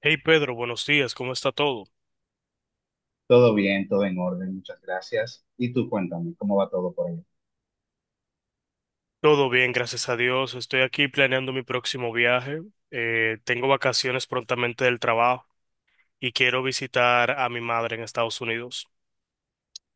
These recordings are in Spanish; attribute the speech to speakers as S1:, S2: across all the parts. S1: Hey Pedro, buenos días, ¿cómo está todo?
S2: Todo bien, todo en orden, muchas gracias. Y tú cuéntame, ¿cómo va todo por ahí?
S1: Todo bien, gracias a Dios. Estoy aquí planeando mi próximo viaje. Tengo vacaciones prontamente del trabajo y quiero visitar a mi madre en Estados Unidos.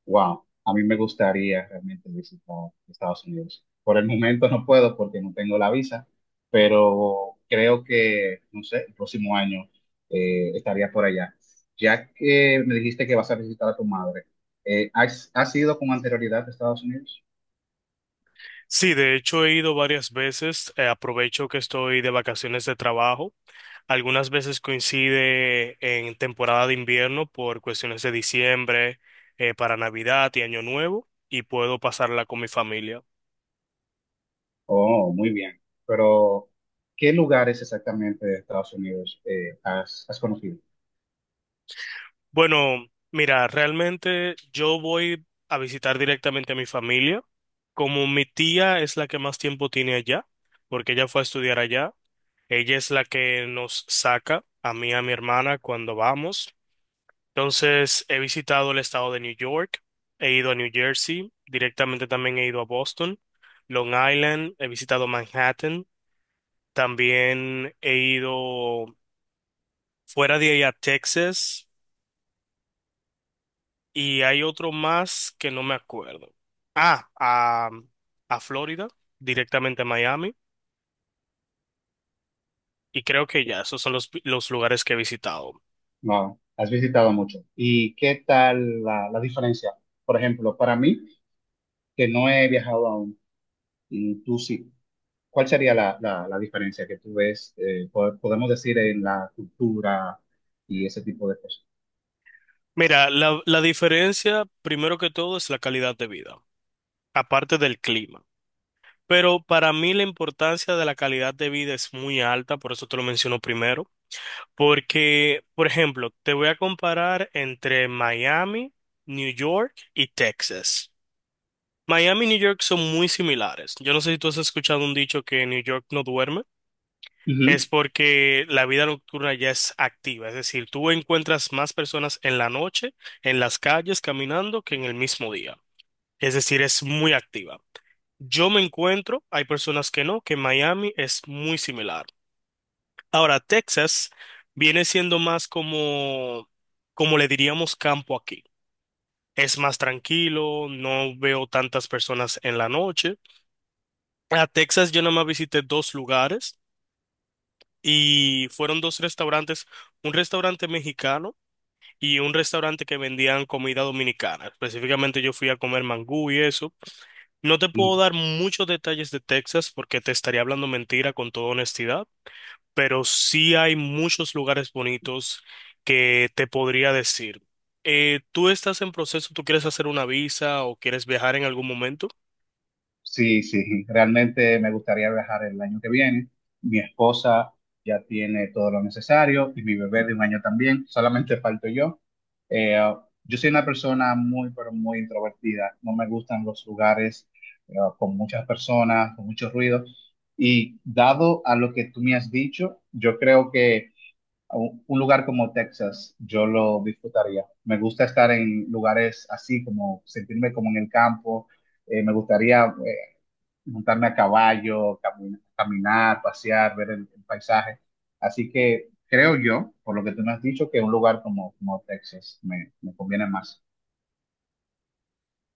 S2: Wow, a mí me gustaría realmente visitar Estados Unidos. Por el momento no puedo porque no tengo la visa, pero creo que, no sé, el próximo año estaría por allá. Ya que me dijiste que vas a visitar a tu madre, ¿has ido con anterioridad a Estados Unidos?
S1: Sí, de hecho he ido varias veces. Aprovecho que estoy de vacaciones de trabajo. Algunas veces coincide en temporada de invierno por cuestiones de diciembre, para Navidad y Año Nuevo y puedo pasarla con mi familia.
S2: Oh, muy bien. Pero, ¿qué lugares exactamente de Estados Unidos has conocido?
S1: Bueno, mira, realmente yo voy a visitar directamente a mi familia. Como mi tía es la que más tiempo tiene allá, porque ella fue a estudiar allá, ella es la que nos saca a mí y a mi hermana cuando vamos. Entonces, he visitado el estado de New York, he ido a New Jersey, directamente también he ido a Boston, Long Island, he visitado Manhattan, también he ido fuera de ahí a Texas. Y hay otro más que no me acuerdo. Ah, a Florida, directamente a Miami. Y creo que ya, esos son los lugares que he visitado.
S2: No, has visitado mucho. ¿Y qué tal la diferencia? Por ejemplo, para mí, que no he viajado aún, y tú sí, ¿cuál sería la diferencia que tú ves, podemos decir, en la cultura y ese tipo de cosas?
S1: Mira, la diferencia, primero que todo, es la calidad de vida, aparte del clima. Pero para mí la importancia de la calidad de vida es muy alta, por eso te lo menciono primero. Porque, por ejemplo, te voy a comparar entre Miami, New York y Texas. Miami y New York son muy similares. Yo no sé si tú has escuchado un dicho que New York no duerme.
S2: Ujú.
S1: Es porque la vida nocturna ya es activa. Es decir, tú encuentras más personas en la noche, en las calles, caminando, que en el mismo día. Es decir, es muy activa. Yo me encuentro, hay personas que no, que Miami es muy similar. Ahora, Texas viene siendo más como, como le diríamos campo aquí. Es más tranquilo, no veo tantas personas en la noche. A Texas yo nada más visité dos lugares y fueron dos restaurantes, un restaurante mexicano y un restaurante que vendían comida dominicana. Específicamente yo fui a comer mangú y eso. No te puedo dar muchos detalles de Texas porque te estaría hablando mentira con toda honestidad, pero sí hay muchos lugares bonitos que te podría decir. ¿Tú estás en proceso? ¿Tú quieres hacer una visa o quieres viajar en algún momento?
S2: Sí, sí, realmente me gustaría viajar el año que viene. Mi esposa ya tiene todo lo necesario y mi bebé de un año también, solamente falto yo. Eh, yo soy una persona muy, pero muy introvertida. No me gustan los lugares con muchas personas, con mucho ruido. Y dado a lo que tú me has dicho, yo creo que un lugar como Texas, yo lo disfrutaría. Me gusta estar en lugares así, como sentirme como en el campo. Me gustaría montarme a caballo, caminar, pasear, ver el paisaje. Así que creo yo, por lo que tú me has dicho, que un lugar como, como Texas me, me conviene más.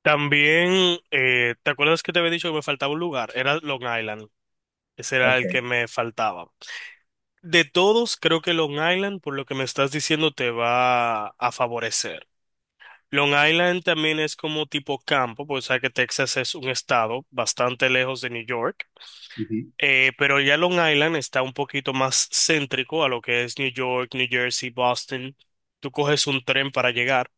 S1: También, ¿te acuerdas que te había dicho que me faltaba un lugar? Era Long Island. Ese era
S2: Ok,
S1: el que me faltaba. De todos, creo que Long Island, por lo que me estás diciendo, te va a favorecer. Long Island también es como tipo campo, porque sabes que Texas es un estado bastante lejos de New York.
S2: ujú,
S1: Pero ya Long Island está un poquito más céntrico a lo que es New York, New Jersey, Boston. Tú coges un tren para llegar.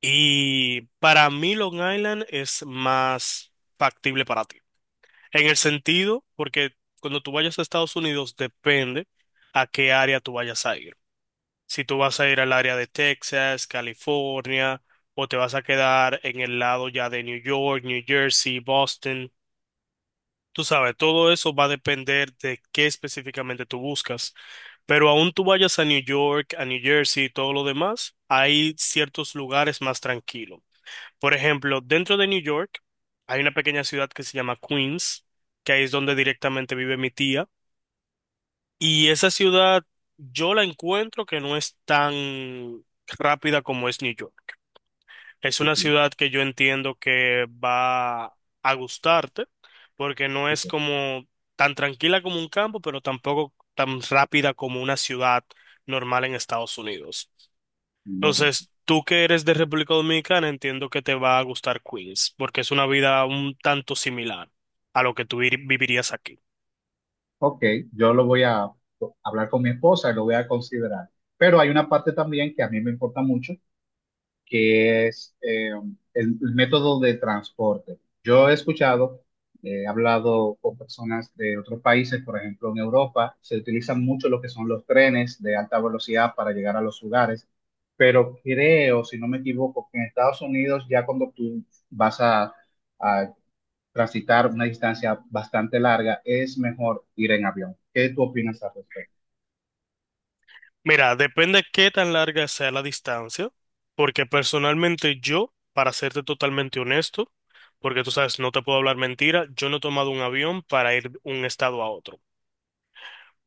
S1: Y para mí Long Island es más factible para ti. En el sentido, porque cuando tú vayas a Estados Unidos depende a qué área tú vayas a ir. Si tú vas a ir al área de Texas, California, o te vas a quedar en el lado ya de New York, New Jersey, Boston. Tú sabes, todo eso va a depender de qué específicamente tú buscas. Pero aún tú vayas a New York, a New Jersey y todo lo demás, hay ciertos lugares más tranquilos. Por ejemplo, dentro de New York hay una pequeña ciudad que se llama Queens, que ahí es donde directamente vive mi tía. Y esa ciudad yo la encuentro que no es tan rápida como es New York. Es una
S2: ujú,
S1: ciudad que yo entiendo que va a gustarte, porque no es
S2: ujú,
S1: como tan tranquila como un campo, pero tampoco tan rápida como una ciudad normal en Estados Unidos.
S2: muy bien.
S1: Entonces, tú que eres de República Dominicana, entiendo que te va a gustar Queens, porque es una vida un tanto similar a lo que tú vivirías aquí.
S2: Ok, yo lo voy a hablar con mi esposa y lo voy a considerar. Pero hay una parte también que a mí me importa mucho, que es el método de transporte. Yo he escuchado, he hablado con personas de otros países, por ejemplo, en Europa se utilizan mucho lo que son los trenes de alta velocidad para llegar a los lugares, pero creo, si no me equivoco, que en Estados Unidos ya cuando tú vas a transitar una distancia bastante larga, es mejor ir en avión. ¿Qué tú opinas al respecto?
S1: Mira, depende qué tan larga sea la distancia, porque personalmente yo, para serte totalmente honesto, porque tú sabes, no te puedo hablar mentira, yo no he tomado un avión para ir de un estado a otro.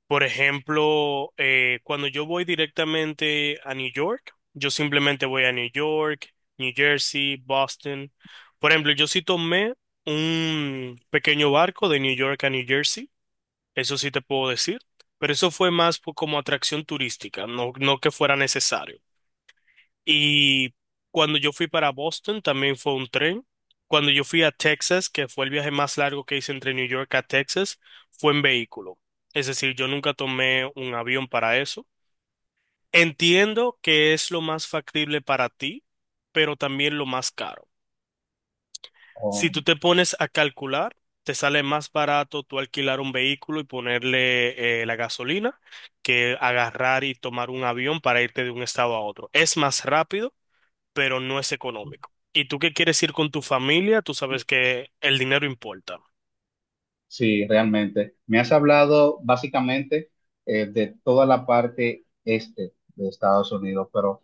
S1: Por ejemplo, cuando yo voy directamente a New York, yo simplemente voy a New York, New Jersey, Boston. Por ejemplo, yo sí tomé un pequeño barco de New York a New Jersey, eso sí te puedo decir, pero eso fue más como atracción turística, no, no que fuera necesario. Y cuando yo fui para Boston también fue un tren. Cuando yo fui a Texas, que fue el viaje más largo que hice entre New York a Texas, fue en vehículo. Es decir, yo nunca tomé un avión para eso. Entiendo que es lo más factible para ti, pero también lo más caro. Si
S2: O
S1: tú te pones a calcular, te sale más barato tú alquilar un vehículo y ponerle la gasolina que agarrar y tomar un avión para irte de un estado a otro. Es más rápido pero no es económico. Y tú que quieres ir con tu familia, tú sabes que el dinero importa.
S2: sí, realmente. Me has hablado básicamente de toda la parte este de Estados Unidos, pero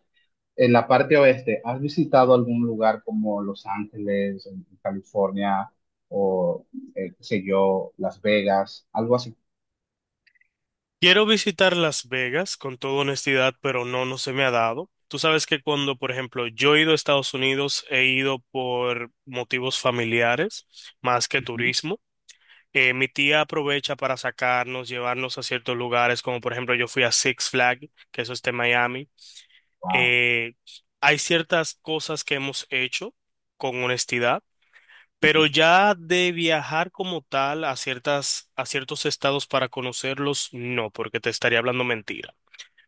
S2: en la parte oeste, ¿has visitado algún lugar como Los Ángeles, en California, o qué sé yo, Las Vegas, algo así?
S1: Quiero visitar Las Vegas con toda honestidad, pero no, no se me ha dado. Tú sabes que cuando, por ejemplo, yo he ido a Estados Unidos, he ido por motivos familiares más que turismo. Mi tía aprovecha para sacarnos, llevarnos a ciertos lugares, como por ejemplo yo fui a Six Flag, que eso está en Miami.
S2: Wow.
S1: Eh, Hay ciertas cosas que hemos hecho con honestidad, pero ya de viajar como tal a ciertas, a ciertos estados para conocerlos, no, porque te estaría hablando mentira.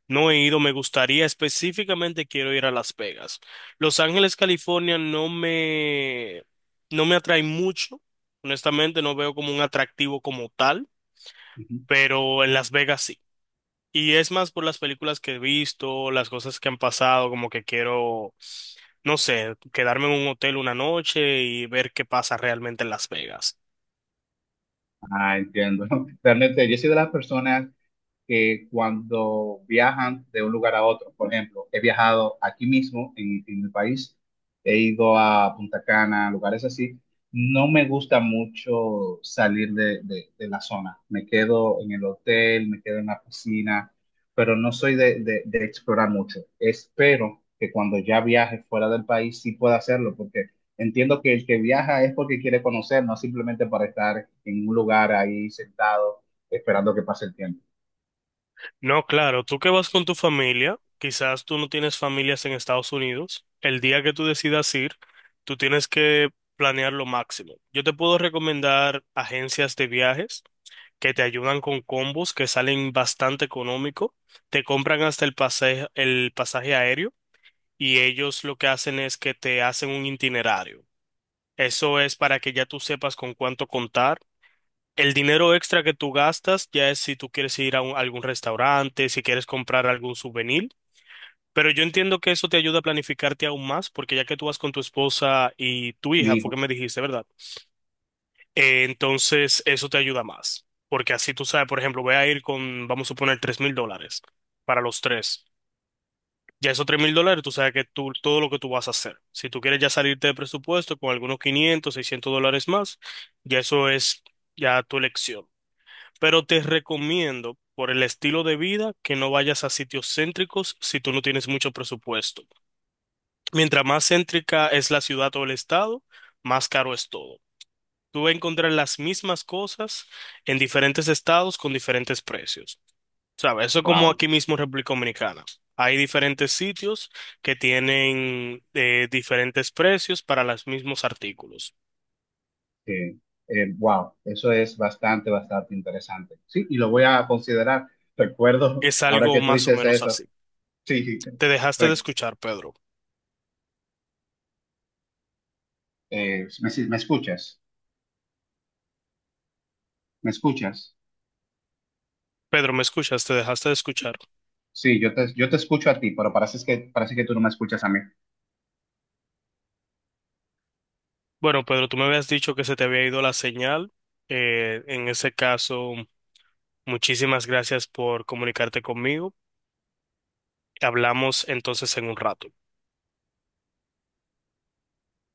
S1: No he ido, me gustaría, específicamente quiero ir a Las Vegas. Los Ángeles, California, no me, no me atrae mucho. Honestamente, no veo como un atractivo como tal pero en Las Vegas sí. Y es más por las películas que he visto, las cosas que han pasado, como que quiero, no sé, quedarme en un hotel una noche y ver qué pasa realmente en Las Vegas.
S2: Ah, entiendo. Realmente, yo soy de las personas que cuando viajan de un lugar a otro. Por ejemplo, he viajado aquí mismo en el país, he ido a Punta Cana, lugares así. No me gusta mucho salir de, de la zona. Me quedo en el hotel, me quedo en la piscina, pero no soy de, de explorar mucho. Espero que cuando ya viaje fuera del país sí pueda hacerlo, porque entiendo que el que viaja es porque quiere conocer, no simplemente para estar en un lugar ahí sentado esperando que pase el tiempo.
S1: No, claro, tú que vas con tu familia, quizás tú no tienes familias en Estados Unidos, el día que tú decidas ir, tú tienes que planear lo máximo. Yo te puedo recomendar agencias de viajes que te ayudan con combos que salen bastante económico, te compran hasta el pasaje aéreo y ellos lo que hacen es que te hacen un itinerario. Eso es para que ya tú sepas con cuánto contar el dinero extra que tú gastas ya es si tú quieres ir a, algún restaurante, si quieres comprar algún souvenir, pero yo entiendo que eso te ayuda a planificarte aún más, porque ya que tú vas con tu esposa y tu hija,
S2: Mi
S1: fue que me dijiste, ¿verdad? Entonces eso te ayuda más, porque así tú sabes, por ejemplo, voy a ir con, vamos a suponer, $3,000 para los tres. Ya esos $3,000, tú sabes que tú, todo lo que tú vas a hacer. Si tú quieres ya salirte de presupuesto con algunos $500, $600 más, ya eso es ya tu elección. Pero te recomiendo, por el estilo de vida, que no vayas a sitios céntricos si tú no tienes mucho presupuesto. Mientras más céntrica es la ciudad o el estado, más caro es todo. Tú vas a encontrar las mismas cosas en diferentes estados con diferentes precios. ¿Sabes? Eso es como
S2: wow,
S1: aquí mismo en República Dominicana. Hay diferentes sitios que tienen diferentes precios para los mismos artículos.
S2: eh, wow, eso es bastante, bastante interesante. Sí, y lo voy a considerar. Recuerdo,
S1: Es
S2: ahora
S1: algo
S2: que tú
S1: más o
S2: dices
S1: menos
S2: eso,
S1: así.
S2: sí,
S1: Te dejaste de
S2: re-
S1: escuchar, Pedro.
S2: me, me escuchas.
S1: Pedro, ¿me escuchas? Te dejaste de escuchar.
S2: Sí, yo te escucho a ti, pero parece que tú no me escuchas a mí.
S1: Bueno, Pedro, tú me habías dicho que se te había ido la señal. En ese caso, muchísimas gracias por comunicarte conmigo. Hablamos entonces en un rato.